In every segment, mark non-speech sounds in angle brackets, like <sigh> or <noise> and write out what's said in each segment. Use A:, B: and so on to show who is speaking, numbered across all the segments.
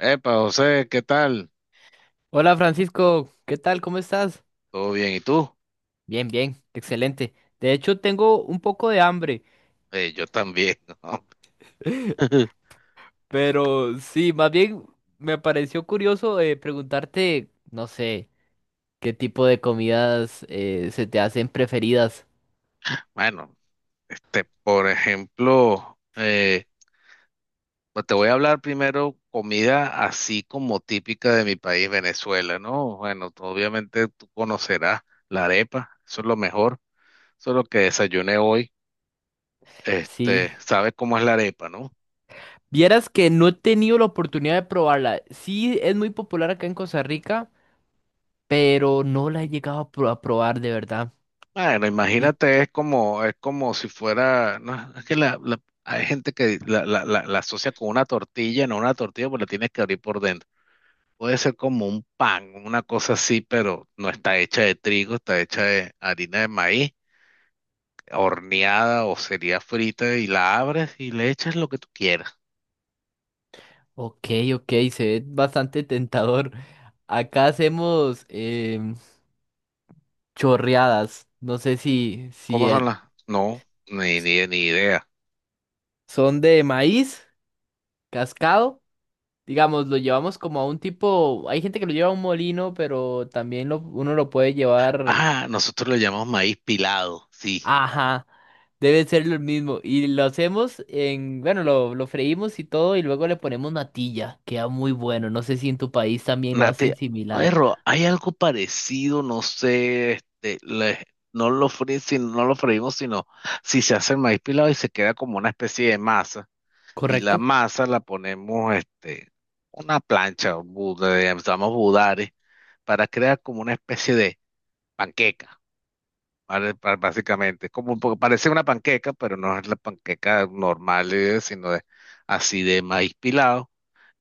A: Epa, José, ¿qué tal?
B: Hola Francisco, ¿qué tal? ¿Cómo estás?
A: ¿Todo bien? ¿Y tú?
B: Bien, bien, excelente. De hecho, tengo un poco de hambre,
A: Yo también. <laughs> ¿No?
B: <laughs> pero sí, más bien me pareció curioso preguntarte, no sé, qué tipo de comidas se te hacen preferidas.
A: Bueno, por ejemplo, pues te voy a hablar primero comida así como típica de mi país, Venezuela, ¿no? Bueno, obviamente tú conocerás la arepa, eso es lo mejor, eso es lo que desayuné hoy.
B: Sí,
A: Este, sabes cómo es la arepa, ¿no?
B: vieras que no he tenido la oportunidad de probarla. Sí, es muy popular acá en Costa Rica, pero no la he llegado a probar de verdad.
A: Bueno,
B: Sí.
A: imagínate, es como si fuera, no, es que hay gente que la asocia con una tortilla, no una tortilla, porque la tienes que abrir por dentro. Puede ser como un pan, una cosa así, pero no está hecha de trigo, está hecha de harina de maíz, horneada o sería frita, y la abres y le echas lo que tú quieras.
B: Ok, ok, se ve bastante tentador. Acá hacemos... em, chorreadas. No sé si,
A: ¿Cómo
B: si
A: son
B: eh,
A: las? No, ni idea.
B: son de maíz cascado. Digamos, lo llevamos como a un tipo. Hay gente que lo lleva a un molino, pero también uno lo puede llevar.
A: Ah, nosotros lo llamamos maíz pilado, sí.
B: Ajá, debe ser lo mismo. Y lo hacemos en. Bueno, lo freímos y todo, y luego le ponemos natilla. Queda muy bueno. No sé si en tu país también lo hacen
A: Nate,
B: similar.
A: perro, hay algo parecido, no sé, no lo fríen, no lo freímos, sino si se hace el maíz pilado y se queda como una especie de masa, y la
B: ¿Correcto?
A: masa la ponemos, este, una plancha, llamamos budare, para crear como una especie de panqueca, ¿vale? Básicamente, como un parece una panqueca, pero no es la panqueca normal, sino así de maíz pilado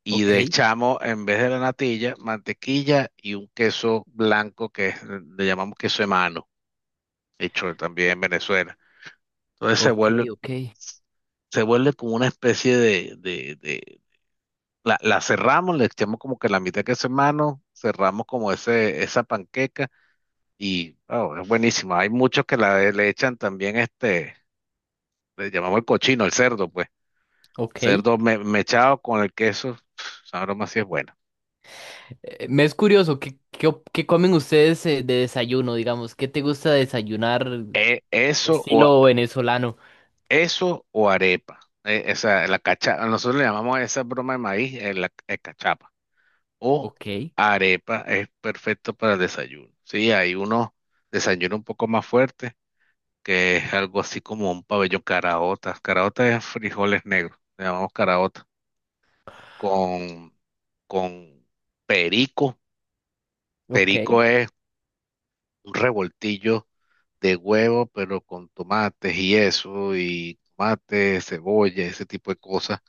A: y le
B: Ok,
A: echamos en vez de la natilla, mantequilla y un queso blanco que le llamamos queso de mano, hecho también en Venezuela. Entonces
B: ok, ok,
A: se vuelve como una especie de, la, la cerramos, le echamos como que la mitad de queso de mano, cerramos como ese, esa panqueca y oh, es buenísima. Hay muchos que la, le echan también este, le llamamos el cochino, el cerdo, pues.
B: ok.
A: Mechado con el queso, <sniffs> esa broma sí es buena.
B: Me es curioso, ¿qué comen ustedes de desayuno, digamos? ¿Qué te gusta desayunar
A: Eso o,
B: estilo venezolano?
A: eso o arepa. Esa, la cachapa. Nosotros le llamamos a esa broma de maíz la cachapa. O
B: Ok,
A: arepa es perfecto para el desayuno. Sí, hay unos desayunos un poco más fuertes, que es algo así como un pabellón caraota. Caraota es frijoles negros. Le llamamos caraota. Con, con perico.
B: ok.
A: Perico es un revoltillo de huevo, pero con tomates y eso, y tomate, cebolla, ese tipo de cosas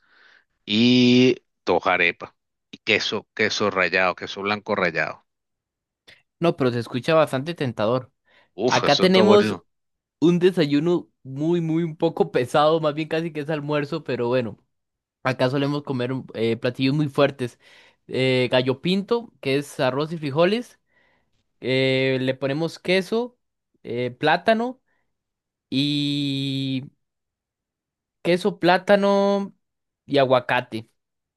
A: y dos arepas y queso, queso rallado, queso blanco rallado.
B: No, pero se escucha bastante tentador.
A: Uf,
B: Acá
A: eso está
B: tenemos
A: bueno.
B: un desayuno muy un poco pesado, más bien casi que es almuerzo, pero bueno, acá solemos comer platillos muy fuertes. Gallo pinto, que es arroz y frijoles. Le ponemos queso, plátano queso, plátano y aguacate.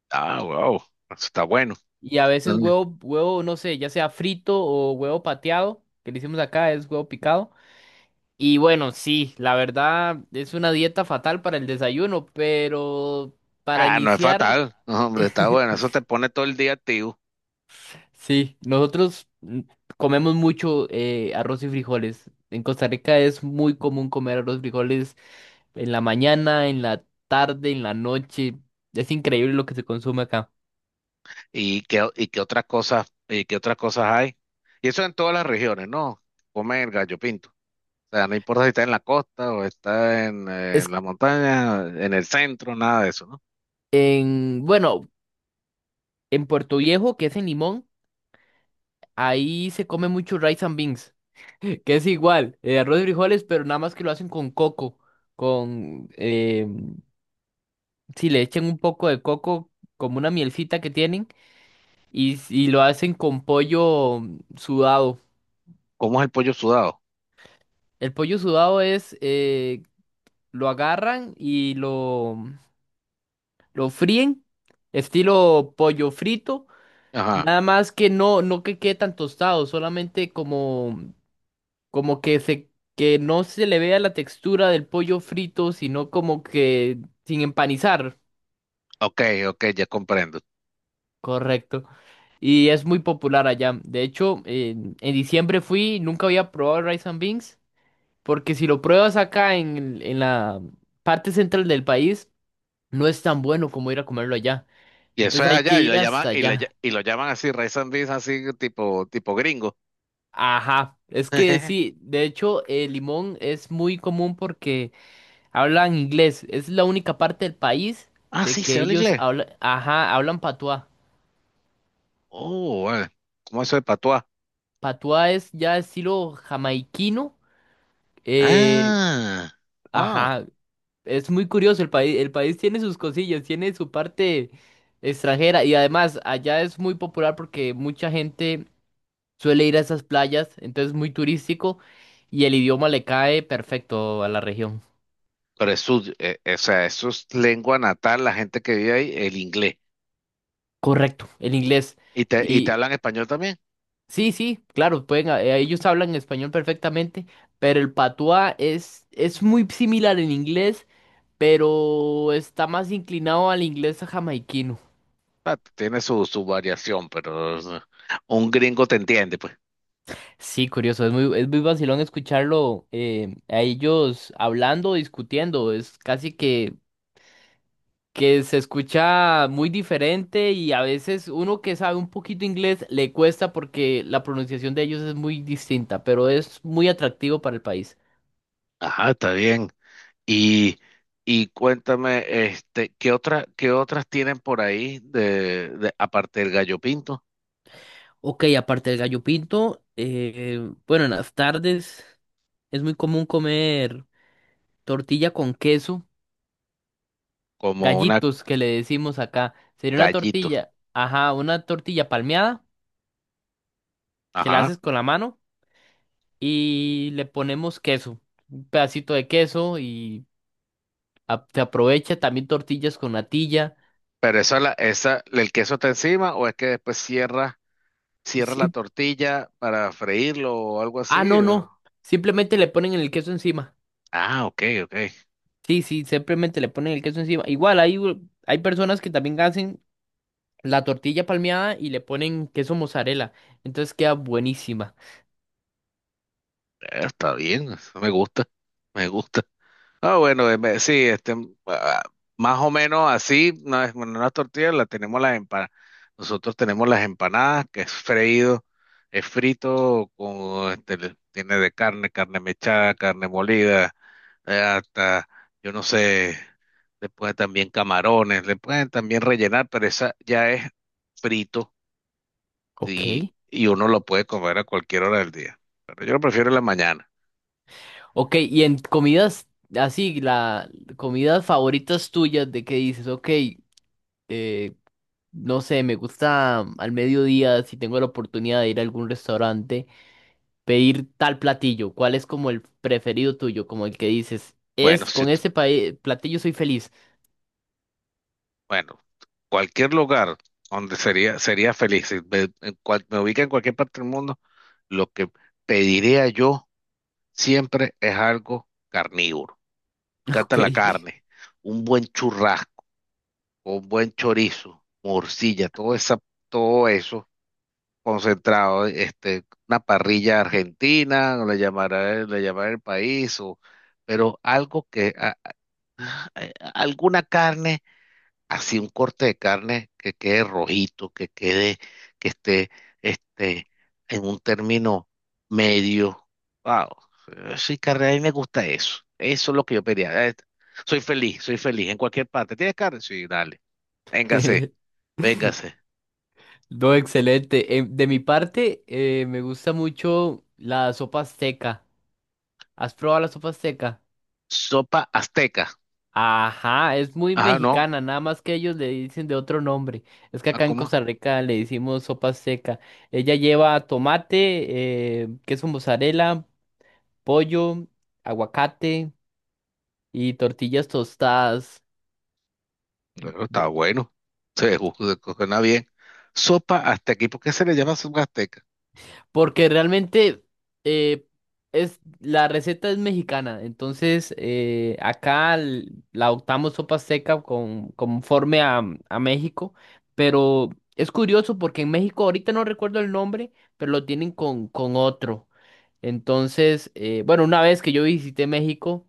A: Ah, wow, eso está bueno.
B: Y a veces
A: Mm.
B: huevo, no sé, ya sea frito o huevo pateado, que le hicimos acá, es huevo picado. Y bueno, sí, la verdad es una dieta fatal para el desayuno, pero para
A: Ah, no es
B: iniciar,
A: fatal. No, hombre, está bueno.
B: <laughs>
A: Eso te pone todo el día activo.
B: sí, nosotros comemos mucho arroz y frijoles. En Costa Rica es muy común comer arroz y frijoles en la mañana, en la tarde, en la noche. Es increíble lo que se consume acá.
A: Y qué otras cosas, y qué otras cosas hay? Y eso en todas las regiones, ¿no? Come el gallo pinto. O sea, no importa si está en la costa o está en,
B: Es
A: la montaña, en el centro, nada de eso, ¿no?
B: En, bueno, en Puerto Viejo, que es en Limón, ahí se come mucho rice and beans, <laughs> que es igual, arroz y frijoles, pero nada más que lo hacen con coco, con, eh, si le echan un poco de coco, como una mielcita que tienen, y lo hacen con pollo sudado.
A: ¿Cómo es el pollo sudado?
B: El pollo sudado es, lo agarran y lo fríen, estilo pollo frito.
A: Ajá.
B: Nada más que no que quede tan tostado, solamente como como que se que no se le vea la textura del pollo frito, sino como que sin empanizar,
A: Ok, ok, ya comprendo.
B: correcto. Y es muy popular allá. De hecho, en diciembre fui, nunca había probado el rice and beans, porque si lo pruebas acá en la parte central del país, no es tan bueno como ir a comerlo allá.
A: Y eso es
B: Entonces hay que
A: allá, y lo
B: ir
A: llaman,
B: hasta
A: y,
B: allá.
A: y lo llaman así, race and beans, así tipo, tipo gringo.
B: Ajá, es que
A: <laughs>
B: sí, de hecho, el limón es muy común porque hablan inglés. Es la única parte del país
A: Ah,
B: de
A: sí, se
B: que
A: habla
B: ellos
A: inglés.
B: hablan, ajá, hablan patuá.
A: Oh, bueno. ¿Cómo eso de patuá?
B: Patuá es ya estilo jamaiquino. eh,
A: Ah, wow.
B: ajá, es muy curioso. El país tiene sus cosillas, tiene su parte extranjera y además allá es muy popular porque mucha gente suele ir a esas playas, entonces es muy turístico y el idioma le cae perfecto a la región.
A: Pero es su, o sea, eso es lengua natal, la gente que vive ahí, el inglés.
B: Correcto, el inglés.
A: Y te hablan español también?
B: Sí, sí, claro, pueden, ellos hablan español perfectamente, pero el patuá es muy similar en inglés, pero está más inclinado al inglés jamaiquino.
A: Ah, tiene su, su variación, pero o sea, un gringo te entiende, pues.
B: Sí, curioso, es muy vacilón escucharlo a ellos hablando, discutiendo, es casi que se escucha muy diferente y a veces uno que sabe un poquito inglés le cuesta porque la pronunciación de ellos es muy distinta, pero es muy atractivo para el país.
A: Ajá, está bien. Y, y cuéntame, este, qué otras tienen por ahí de, aparte del gallo pinto?
B: Ok, aparte del gallo pinto, bueno, en las tardes es muy común comer tortilla con queso,
A: Como una
B: gallitos que le decimos acá. Sería una
A: gallito.
B: tortilla, ajá, una tortilla palmeada que la
A: Ajá.
B: haces con la mano y le ponemos queso, un pedacito de queso y se aprovecha también tortillas con natilla.
A: Pero esa, la, esa, el queso está encima o es que después cierra, cierra la
B: Siem-
A: tortilla para freírlo o algo
B: ah,
A: así.
B: no, simplemente le ponen el queso encima.
A: Ah, ok, ok.
B: Sí, sí, simplemente le ponen el queso encima. Igual hay personas que también hacen la tortilla palmeada y le ponen queso mozzarella. Entonces queda buenísima.
A: Está bien, eso me gusta, me gusta. Ah, bueno, sí, ah, más o menos así, no es bueno, una tortilla, la tenemos las empanadas. Nosotros tenemos las empanadas, que es freído, es frito, con, este, tiene de carne, carne mechada, carne molida, hasta, yo no sé, le pueden también camarones, le pueden también rellenar, pero esa ya es frito
B: Ok.
A: y uno lo puede comer a cualquier hora del día. Pero yo lo prefiero en la mañana.
B: Ok, y en comidas así, la comidas favoritas tuyas de que dices, ok, eh, no sé, me gusta al mediodía, si tengo la oportunidad de ir a algún restaurante, pedir tal platillo. ¿Cuál es como el preferido tuyo? Como el que dices,
A: Bueno,
B: es
A: sí,
B: con ese platillo soy feliz.
A: bueno, cualquier lugar donde sería, sería feliz, si me, me ubica en cualquier parte del mundo, lo que pediría yo siempre es algo carnívoro. Me encanta
B: <laughs>
A: la
B: Ok.
A: carne, un buen churrasco, un buen chorizo, morcilla, todo esa, todo eso concentrado, este, una parrilla argentina, le llamará el país, o, pero algo que, alguna carne así un corte de carne que quede rojito, que quede, que esté, este, en un término medio. Wow, sí, carne, a mí me gusta eso. Eso es lo que yo pedía. Soy feliz en cualquier parte. ¿Tienes carne? Sí, dale. Véngase,
B: <laughs>
A: véngase.
B: No, excelente. De mi parte, me gusta mucho la sopa azteca. ¿Has probado la sopa seca?
A: Sopa azteca.
B: Ajá, es muy
A: Ajá, no.
B: mexicana, nada más que ellos le dicen de otro nombre. Es que
A: Ah,
B: acá en
A: ¿cómo?
B: Costa Rica le decimos sopa seca. Ella lleva tomate, queso mozzarella, pollo, aguacate y tortillas tostadas.
A: Bueno, está bueno. Se ju- Suena bien. Sopa azteca. ¿Y por qué se le llama sopa azteca?
B: Porque realmente eh, la receta es mexicana, entonces la adoptamos sopa seca conforme a México, pero es curioso porque en México ahorita no recuerdo el nombre, pero lo tienen con otro. Entonces, bueno, una vez que yo visité México,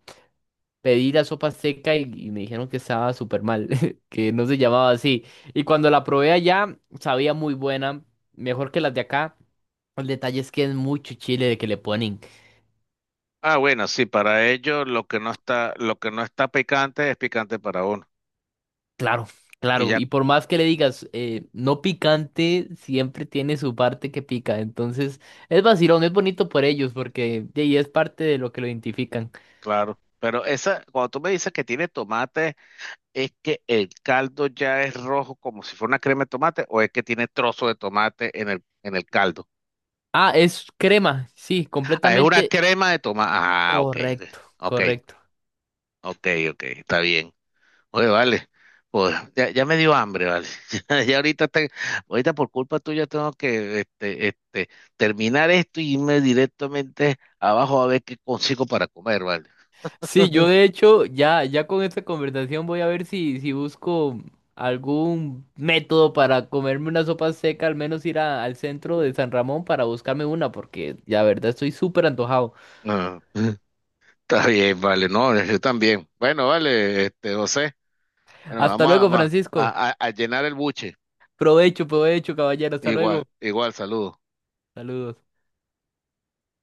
B: pedí la sopa seca y me dijeron que estaba súper mal, <laughs> que no se llamaba así. Y cuando la probé allá, sabía muy buena, mejor que las de acá. El detalle es que es mucho chile de que le ponen.
A: Ah, bueno, sí, para ellos lo que no está, lo que no está picante es picante para uno.
B: Claro,
A: Y
B: claro.
A: ya,
B: Y por más que le digas no picante, siempre tiene su parte que pica. Entonces, es vacilón, es bonito por ellos porque de ahí es parte de lo que lo identifican.
A: claro. Pero esa, cuando tú me dices que tiene tomate, ¿es que el caldo ya es rojo como si fuera una crema de tomate o es que tiene trozo de tomate en el caldo?
B: Ah, es crema. Sí,
A: Ah, es una
B: completamente
A: crema de tomate. Ah, ok.
B: correcto,
A: Ok,
B: correcto.
A: ok, ok, está bien. Oye, vale, pues ya, ya me dio hambre, vale. <laughs> Ya, ya ahorita, ahorita por culpa tuya tengo que terminar esto y irme directamente abajo a ver qué consigo para comer, vale.
B: Sí, yo de hecho ya con esta conversación voy a ver si busco algún método para comerme una sopa seca, al menos ir al centro de San Ramón para buscarme una, porque la verdad estoy súper antojado.
A: Ah, <laughs> está bien, vale, no, yo también. Bueno, vale, este, José, bueno,
B: Hasta
A: vamos a,
B: luego, Francisco.
A: a llenar el buche.
B: Provecho, provecho, caballero. Hasta
A: Igual,
B: luego.
A: igual, saludos.
B: Saludos.